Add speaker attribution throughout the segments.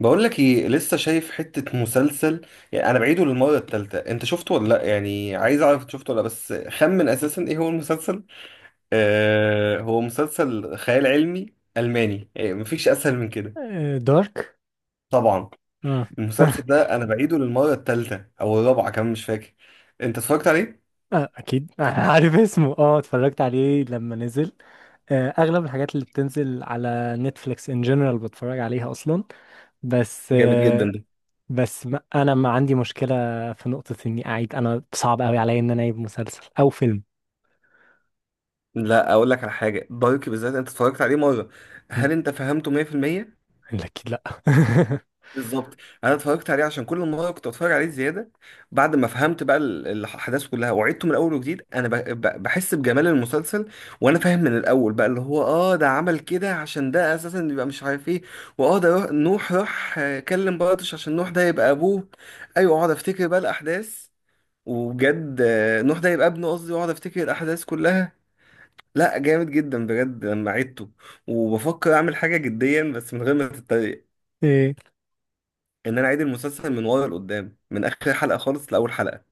Speaker 1: بقول لك ايه، لسه شايف حتة مسلسل. يعني انا بعيده للمرة التالتة. انت شفته ولا لا؟ يعني عايز اعرف انت شفته ولا لأ، بس خمن اساسا ايه هو المسلسل. آه، هو مسلسل خيال علمي الماني. يعني مفيش اسهل من كده.
Speaker 2: آه، دارك.
Speaker 1: طبعا.
Speaker 2: اه
Speaker 1: المسلسل ده انا بعيده للمرة التالتة او الرابعة، كمان مش فاكر. انت اتفرجت عليه؟
Speaker 2: آه، اكيد. آه، عارف اسمه، اتفرجت عليه لما نزل. آه، اغلب الحاجات اللي بتنزل على نتفليكس ان جنرال بتفرج عليها اصلا. بس
Speaker 1: جامد جدا
Speaker 2: آه،
Speaker 1: ده.
Speaker 2: بس ما عندي مشكله في نقطه اني اعيد. انا صعب قوي عليا ان انا اعيد مسلسل او فيلم.
Speaker 1: لا، اقول لك على حاجة، دارك بالذات انت اتفرجت عليه مرة.
Speaker 2: مم،
Speaker 1: هل انت فهمته 100%؟
Speaker 2: اكيد لا.
Speaker 1: بالظبط. انا اتفرجت عليه عشان كل مره كنت اتفرج عليه زياده. بعد ما فهمت بقى ال- الاحداث كلها، وعدته من الاول وجديد، انا بحس بجمال المسلسل. وانا فاهم من الاول بقى اللي هو ده عمل كده، عشان ده اساسا يبقى مش عارف ايه. واه ده نوح راح كلم بارتش عشان نوح ده يبقى ابوه. ايوه، اقعد افتكر بقى الاحداث. وبجد نوح ده يبقى ابنه قصدي، واقعد افتكر الاحداث كلها. لا، جامد جدا بجد لما عدته. وبفكر اعمل حاجه جديا، بس من غير ما تتريق،
Speaker 2: ايه،
Speaker 1: ان انا اعيد المسلسل من ورا لقدام، من اخر حلقه خالص لاول حلقه.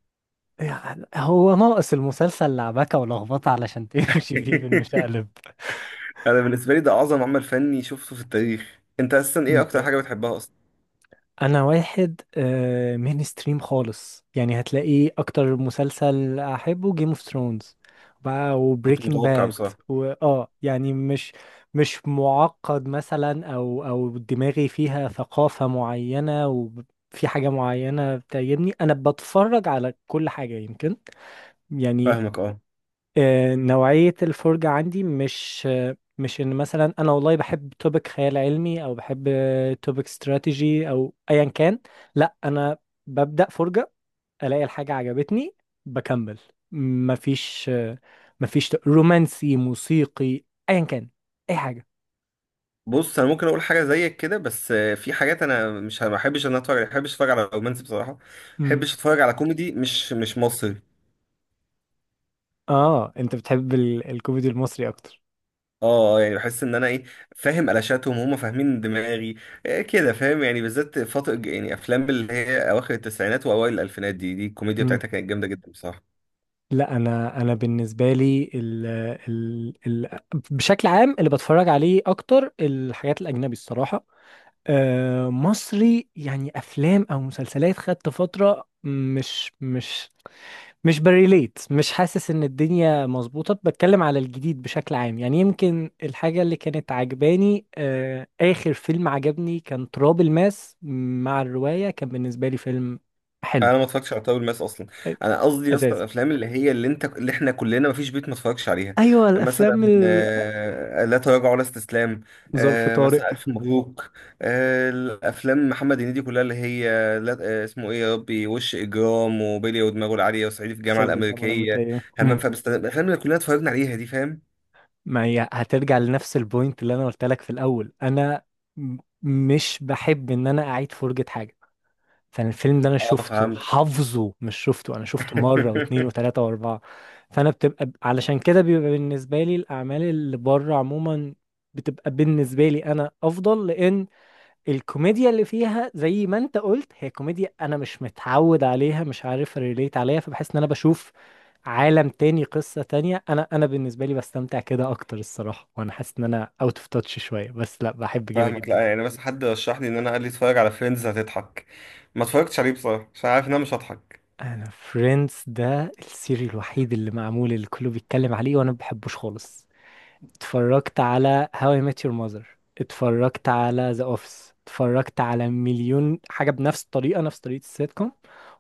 Speaker 2: يعني هو ناقص المسلسل لعبكه ولخبطه علشان تمشي فيه بالمشقلب.
Speaker 1: انا بالنسبه لي ده اعظم عمل فني شفته في التاريخ. انت اصلا ايه اكتر حاجه بتحبها اصلا؟
Speaker 2: انا واحد مين ستريم خالص، يعني هتلاقيه اكتر مسلسل احبه جيم اوف ثرونز بقى
Speaker 1: كنت
Speaker 2: وبريكنج
Speaker 1: متوقع
Speaker 2: باد.
Speaker 1: بصراحه.
Speaker 2: واه يعني مش معقد مثلا، او دماغي فيها ثقافة معينة وفي حاجة معينة بتعجبني. انا بتفرج على كل حاجة، يمكن يعني.
Speaker 1: فاهمك، اه.
Speaker 2: آه، نوعية الفرجة عندي مش ان مثلا انا والله بحب توبيك خيال علمي او بحب توبيك استراتيجي او ايا كان. لا انا ببدأ فرجة، الاقي الحاجة عجبتني بكمل. مفيش آه، مفيش رومانسي، موسيقي، ايا كان، اي حاجة.
Speaker 1: بص، انا ممكن اقول حاجه زيك كده، بس في حاجات انا مش ما بحبش ان أنا اتفرج عليها. ما بحبش اتفرج على رومانسي بصراحه. ما
Speaker 2: مم.
Speaker 1: بحبش اتفرج على كوميدي مش مصري.
Speaker 2: اه، انت بتحب الكوميدي المصري اكتر.
Speaker 1: اه، يعني بحس ان انا ايه، فاهم قلاشاتهم، هم فاهمين دماغي. كده فاهم، يعني بالذات فتره، يعني افلام اللي هي اواخر التسعينات واوائل الالفينات، دي الكوميديا
Speaker 2: مم.
Speaker 1: بتاعتها كانت جامده جدا بصراحه.
Speaker 2: لا، انا بالنسبه لي ال ال ال بشكل عام اللي بتفرج عليه اكتر الحاجات الاجنبي الصراحه. آه، مصري يعني افلام او مسلسلات، خدت فتره مش بريليت، مش حاسس ان الدنيا مظبوطه. بتكلم على الجديد بشكل عام، يعني يمكن الحاجه اللي كانت عجباني، آه، اخر فيلم عجبني كان تراب الماس مع الروايه، كان بالنسبه لي فيلم حلو.
Speaker 1: انا ما اتفرجتش على تاول ماس اصلا.
Speaker 2: آه،
Speaker 1: انا قصدي يا اسطى
Speaker 2: اساس.
Speaker 1: الافلام اللي هي اللي انت اللي احنا كلنا ما فيش بيت ما اتفرجش عليها.
Speaker 2: ايوه الافلام
Speaker 1: مثلا لا تراجع ولا استسلام.
Speaker 2: ظرف طارق،
Speaker 1: مثلا الف مبروك. الافلام محمد هنيدي كلها اللي هي، لا، اسمه ايه يا ربي، وش اجرام، وبيلي، ودماغه العاليه، وصعيدي في الجامعه
Speaker 2: صعيدي في الجامعه
Speaker 1: الامريكيه،
Speaker 2: الامريكيه.
Speaker 1: همام في امستردام. الافلام اللي كلنا اتفرجنا عليها دي، فاهم.
Speaker 2: ما هي هترجع لنفس البوينت اللي انا قلت لك في الاول. انا مش بحب ان انا اعيد فرجة حاجة، فانا الفيلم ده انا
Speaker 1: اه،
Speaker 2: شفته
Speaker 1: فهمت.
Speaker 2: حافظه، مش شفته، انا شفته مرة واتنين وتلاتة واربعة. فانا بتبقى علشان كده بيبقى بالنسبة لي الاعمال اللي بره عموما بتبقى بالنسبة لي انا افضل، لان الكوميديا اللي فيها زي ما انت قلت هي كوميديا انا مش متعود عليها، مش عارف ريليت عليها، فبحس ان انا بشوف عالم تاني، قصة تانية. انا بالنسبة لي بستمتع كده اكتر الصراحة، وانا حاسس ان انا اوت اوف تاتش شوية، بس لا بحب كده
Speaker 1: فاهمك،
Speaker 2: جدا.
Speaker 1: لا يعني، بس حد رشح لي، ان انا قال لي اتفرج على فريندز هتضحك. ما اتفرجتش عليه بصراحه عشان عارف ان انا مش هضحك.
Speaker 2: انا فريندز ده السيري الوحيد اللي معمول، اللي كله بيتكلم عليه وانا ما بحبوش خالص. اتفرجت على هاو اي ميت يور ماذر، اتفرجت على ذا اوفيس، اتفرجت على مليون حاجة بنفس الطريقة، نفس طريقة السيت كوم،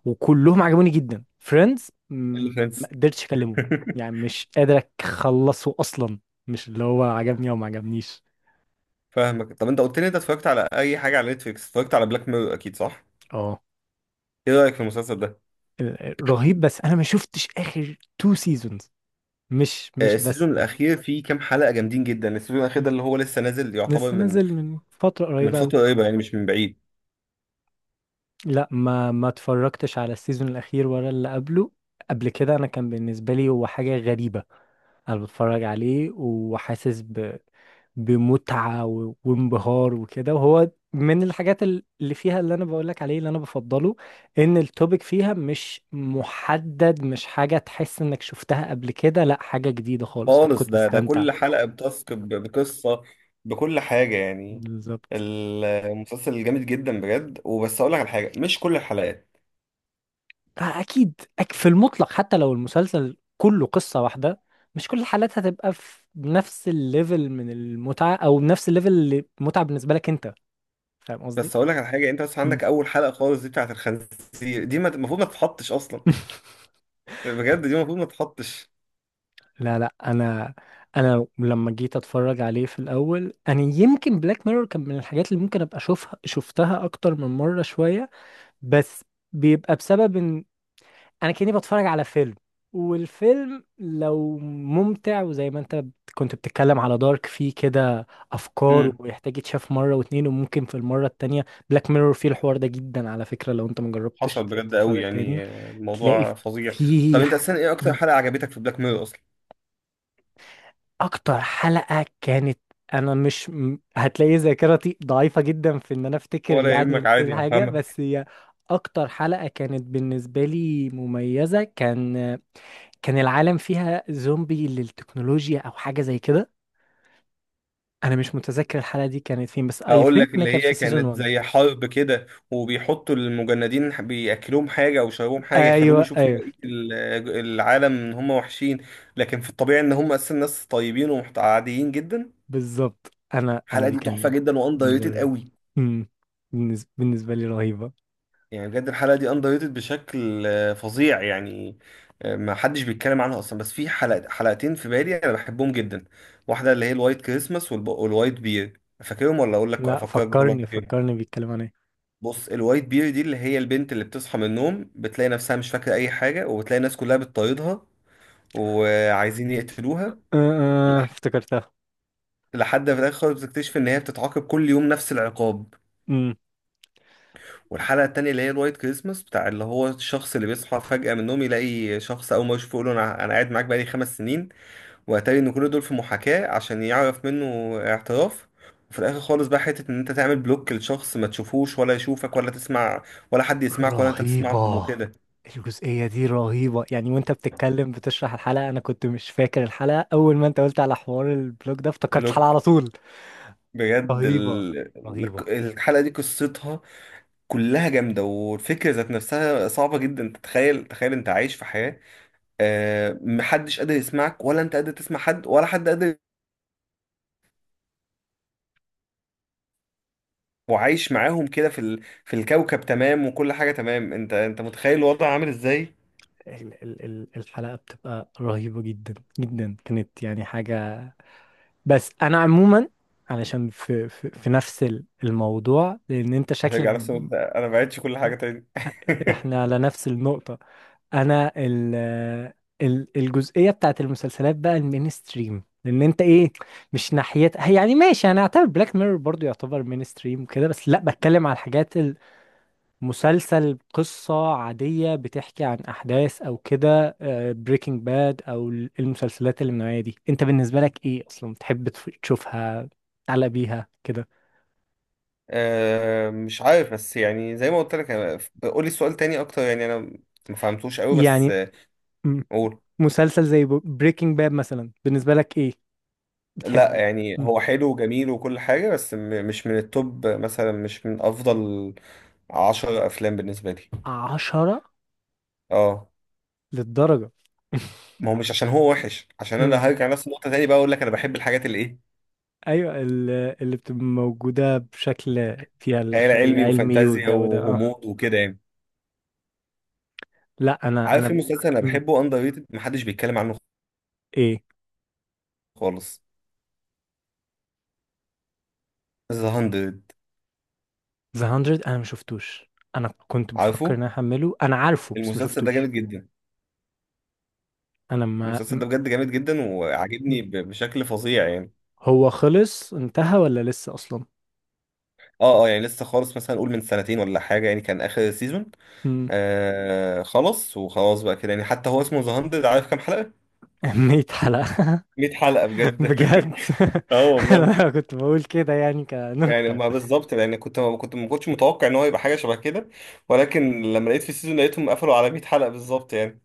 Speaker 2: وكلهم عجبوني جدا. فريندز
Speaker 1: اللي
Speaker 2: ما
Speaker 1: فريندز.
Speaker 2: قدرتش اكلمه، يعني مش قادر اخلصه اصلا. مش اللي هو عجبني او ما عجبنيش.
Speaker 1: فاهمك. طب انت قلت لي انت اتفرجت على اي حاجه على نتفليكس. اتفرجت على بلاك ميرور اكيد، صح؟
Speaker 2: اه.
Speaker 1: ايه رايك في المسلسل ده؟
Speaker 2: رهيب، بس انا ما شفتش اخر تو سيزونز. مش مش بس
Speaker 1: السيزون
Speaker 2: ده.
Speaker 1: الاخير فيه كام حلقه جامدين جدا. السيزون الاخير ده اللي هو لسه نازل، يعتبر
Speaker 2: لسه
Speaker 1: من
Speaker 2: نزل من فترة
Speaker 1: من
Speaker 2: قريبة أوي.
Speaker 1: فتره قريبه، يعني مش من بعيد
Speaker 2: لا، ما ما اتفرجتش على السيزون الأخير ولا اللي قبله. قبل كده أنا كان بالنسبة لي هو حاجة غريبة، انا بتفرج عليه وحاسس ب... بمتعة و... وانبهار وكده. وهو من الحاجات اللي فيها اللي انا بقولك عليه، اللي انا بفضله ان التوبيك فيها مش محدد، مش حاجة تحس انك شفتها قبل كده، لا حاجة جديدة خالص، فانا
Speaker 1: خالص.
Speaker 2: كنت
Speaker 1: ده
Speaker 2: بستمتع.
Speaker 1: كل حلقه بتاسك بقصه، بكل حاجه يعني.
Speaker 2: بالظبط.
Speaker 1: المسلسل جامد جدا بجد. وبس اقول لك على حاجه، مش كل الحلقات.
Speaker 2: آه، اكيد. في المطلق، حتى لو المسلسل كله قصة واحدة، مش كل الحالات هتبقى في نفس الليفل من المتعة، او نفس الليفل اللي متعة بالنسبة لك انت. فاهم قصدي؟
Speaker 1: بس اقول لك على حاجه، انت بس
Speaker 2: مم.
Speaker 1: عندك اول حلقه خالص دي بتاعت الخنزير دي المفروض ما تتحطش اصلا. بجد دي المفروض ما تتحطش.
Speaker 2: لا انا انا لما جيت اتفرج عليه في الاول، انا يمكن بلاك ميرور كان من الحاجات اللي ممكن ابقى اشوفها، شفتها اكتر من مره شويه. بس بيبقى بسبب ان انا كاني بتفرج على فيلم. والفيلم لو ممتع، وزي ما انت كنت بتتكلم على دارك، فيه كده افكار ويحتاج يتشاف مره واتنين، وممكن في المره التانية بلاك ميرور فيه الحوار ده جدا. على فكره، لو انت مجربتش
Speaker 1: حصل بجد قوي
Speaker 2: تتفرج تاني،
Speaker 1: يعني،
Speaker 2: تلاقي
Speaker 1: الموضوع فظيع. طب
Speaker 2: فيه.
Speaker 1: انت اساسا ايه اكتر حلقة عجبتك في بلاك ميرور اصلا؟
Speaker 2: اكتر حلقة كانت، انا مش م- هتلاقي ذاكرتي ضعيفة جدا في ان انا افتكر
Speaker 1: ولا
Speaker 2: يعني
Speaker 1: يهمك،
Speaker 2: إيه
Speaker 1: عادي
Speaker 2: الحاجة،
Speaker 1: هفهمك.
Speaker 2: بس هي اكتر حلقة كانت بالنسبة لي مميزة، كان كان العالم فيها زومبي للتكنولوجيا او حاجة زي كده. انا مش متذكر الحلقة دي كانت فين، بس اي
Speaker 1: هقول
Speaker 2: ثينك
Speaker 1: لك،
Speaker 2: انها كانت
Speaker 1: اللي
Speaker 2: في
Speaker 1: هي
Speaker 2: سيزون
Speaker 1: كانت
Speaker 2: 1.
Speaker 1: زي حرب كده، وبيحطوا المجندين بياكلوهم حاجة او يشربوهم حاجة، يخلوهم
Speaker 2: ايوه
Speaker 1: يشوفوا
Speaker 2: ايوه،
Speaker 1: بقية العالم ان هم وحشين، لكن في الطبيعي ان هم اساسا ناس طيبين وعاديين جدا.
Speaker 2: بالظبط، انا
Speaker 1: الحلقة
Speaker 2: دي
Speaker 1: دي تحفة
Speaker 2: كان
Speaker 1: جدا واندر
Speaker 2: بالنسبة
Speaker 1: ريتد
Speaker 2: لي.
Speaker 1: قوي.
Speaker 2: مم. بالنسبة لي رهيبة.
Speaker 1: يعني بجد الحلقة دي اندر ريتد بشكل فظيع يعني. ما حدش بيتكلم عنها اصلا. بس في حلقة حلقتين في بالي انا بحبهم جدا. واحدة اللي هي الوايت كريسماس والوايت بير، فاكرهم ولا اقول لك
Speaker 2: لا،
Speaker 1: افكرك بكل
Speaker 2: فكرني
Speaker 1: واحدة فيهم؟
Speaker 2: فكرني، بيتكلم عن ايه.
Speaker 1: بص، الوايت بير دي اللي هي البنت اللي بتصحى من النوم بتلاقي نفسها مش فاكرة اي حاجة، وبتلاقي الناس كلها بتطاردها وعايزين يقتلوها،
Speaker 2: أه، أه،
Speaker 1: لح-
Speaker 2: افتكرتها.
Speaker 1: لحد في الاخر خالص بتكتشف ان هي بتتعاقب كل يوم نفس العقاب. والحلقة التانية اللي هي الوايت كريسماس بتاع اللي هو الشخص اللي بيصحى فجأة من النوم، يلاقي شخص أول ما يشوفه يقول له أنا قاعد معاك بقالي خمس سنين. وأتاري إن كل دول في محاكاة عشان يعرف منه اعتراف. وفي الآخر خالص بقى حتة إن أنت تعمل بلوك لشخص، ما تشوفوش ولا يشوفك، ولا تسمع ولا حد يسمعك، ولا أنت تسمعهم
Speaker 2: رهيبة.
Speaker 1: وكده.
Speaker 2: الجزئية دي رهيبة، يعني وانت بتتكلم بتشرح الحلقة انا كنت مش فاكر الحلقة، اول ما انت قلت على حوار البلوج ده افتكرت
Speaker 1: بلوك.
Speaker 2: الحلقة على طول.
Speaker 1: بجد
Speaker 2: رهيبة رهيبة.
Speaker 1: الحلقة دي قصتها كلها جامدة. والفكرة ذات نفسها صعبة جدا تتخيل. تخيل أنت عايش في حياة محدش قادر يسمعك ولا انت قادر تسمع حد ولا حد قادر. وعايش معاهم كده في الكوكب تمام، وكل حاجه تمام. انت متخيل الوضع عامل ازاي؟
Speaker 2: ال ال ال الحلقة بتبقى رهيبة جدا جدا، كانت يعني حاجة. بس انا عموما علشان في نفس الموضوع، لان انت شكلك
Speaker 1: هترجع نفس الوضع. انا ما بعتش كل حاجه تاني.
Speaker 2: احنا على نفس النقطة. انا ال الجزئية بتاعت المسلسلات بقى المينستريم، لان انت ايه، مش ناحيتها هي. يعني ماشي انا اعتبر بلاك ميرور برضو يعتبر مينستريم كده، بس لا بتكلم على الحاجات، المسلسل قصة عادية بتحكي عن احداث او كده. بريكنج باد او المسلسلات اللي من النوعية دي انت بالنسبة لك ايه اصلا، تحب تشوفها، تعلق بيها كده
Speaker 1: أه، مش عارف، بس يعني زي ما قلت لك. قولي السؤال تاني اكتر. يعني انا ما فهمتوش قوي، بس
Speaker 2: يعني. م-
Speaker 1: قول.
Speaker 2: مسلسل زي بريكنج باد مثلا بالنسبة لك ايه،
Speaker 1: لا،
Speaker 2: بتحبه
Speaker 1: يعني هو حلو وجميل وكل حاجه، بس مش من التوب مثلا، مش من افضل عشر افلام بالنسبه لي.
Speaker 2: عشرة
Speaker 1: اه.
Speaker 2: للدرجة؟
Speaker 1: ما هو مش عشان هو وحش، عشان انا
Speaker 2: مم.
Speaker 1: هرجع نفس النقطه تاني بقى، اقول لك انا بحب الحاجات اللي ايه،
Speaker 2: أيوة. اللي بتبقى موجودة بشكل، فيها
Speaker 1: خيال
Speaker 2: الخيال
Speaker 1: علمي
Speaker 2: العلمي
Speaker 1: وفانتازيا
Speaker 2: والجو ده، اه.
Speaker 1: وغموض وكده يعني.
Speaker 2: لا أنا
Speaker 1: عارف في
Speaker 2: أنا.
Speaker 1: مسلسل انا
Speaker 2: مم.
Speaker 1: بحبه اندر ريتد، محدش بيتكلم عنه
Speaker 2: إيه،
Speaker 1: خالص، ذا 100.
Speaker 2: ذا هاندرد؟ أنا ما شفتوش، أنا كنت بفكر
Speaker 1: عارفه.
Speaker 2: إن أنا أحمله، أنا عارفه بس ما
Speaker 1: المسلسل ده جامد
Speaker 2: شفتوش.
Speaker 1: جدا.
Speaker 2: أنا ما
Speaker 1: المسلسل
Speaker 2: مم.
Speaker 1: ده بجد جامد جدا وعاجبني
Speaker 2: مم.
Speaker 1: بشكل فظيع يعني.
Speaker 2: هو خلص انتهى ولا لسه أصلا؟
Speaker 1: اه، اه، يعني لسه خالص، مثلا قول من سنتين ولا حاجه يعني كان اخر سيزون.
Speaker 2: مم.
Speaker 1: آه، خلص وخلاص بقى كده، يعني حتى هو اسمه ذا 100، عارف كام حلقه؟
Speaker 2: 100 حلقة؟
Speaker 1: 100 حلقه بجد.
Speaker 2: بجد؟
Speaker 1: اه والله.
Speaker 2: أنا كنت بقول كده يعني
Speaker 1: يعني
Speaker 2: كنكتة.
Speaker 1: ما بالظبط يعني، كنت ما كنت ما كنتش متوقع ان هو يبقى حاجه شبه كده، ولكن لما لقيت في السيزون لقيتهم قفلوا على 100 حلقه بالظبط يعني.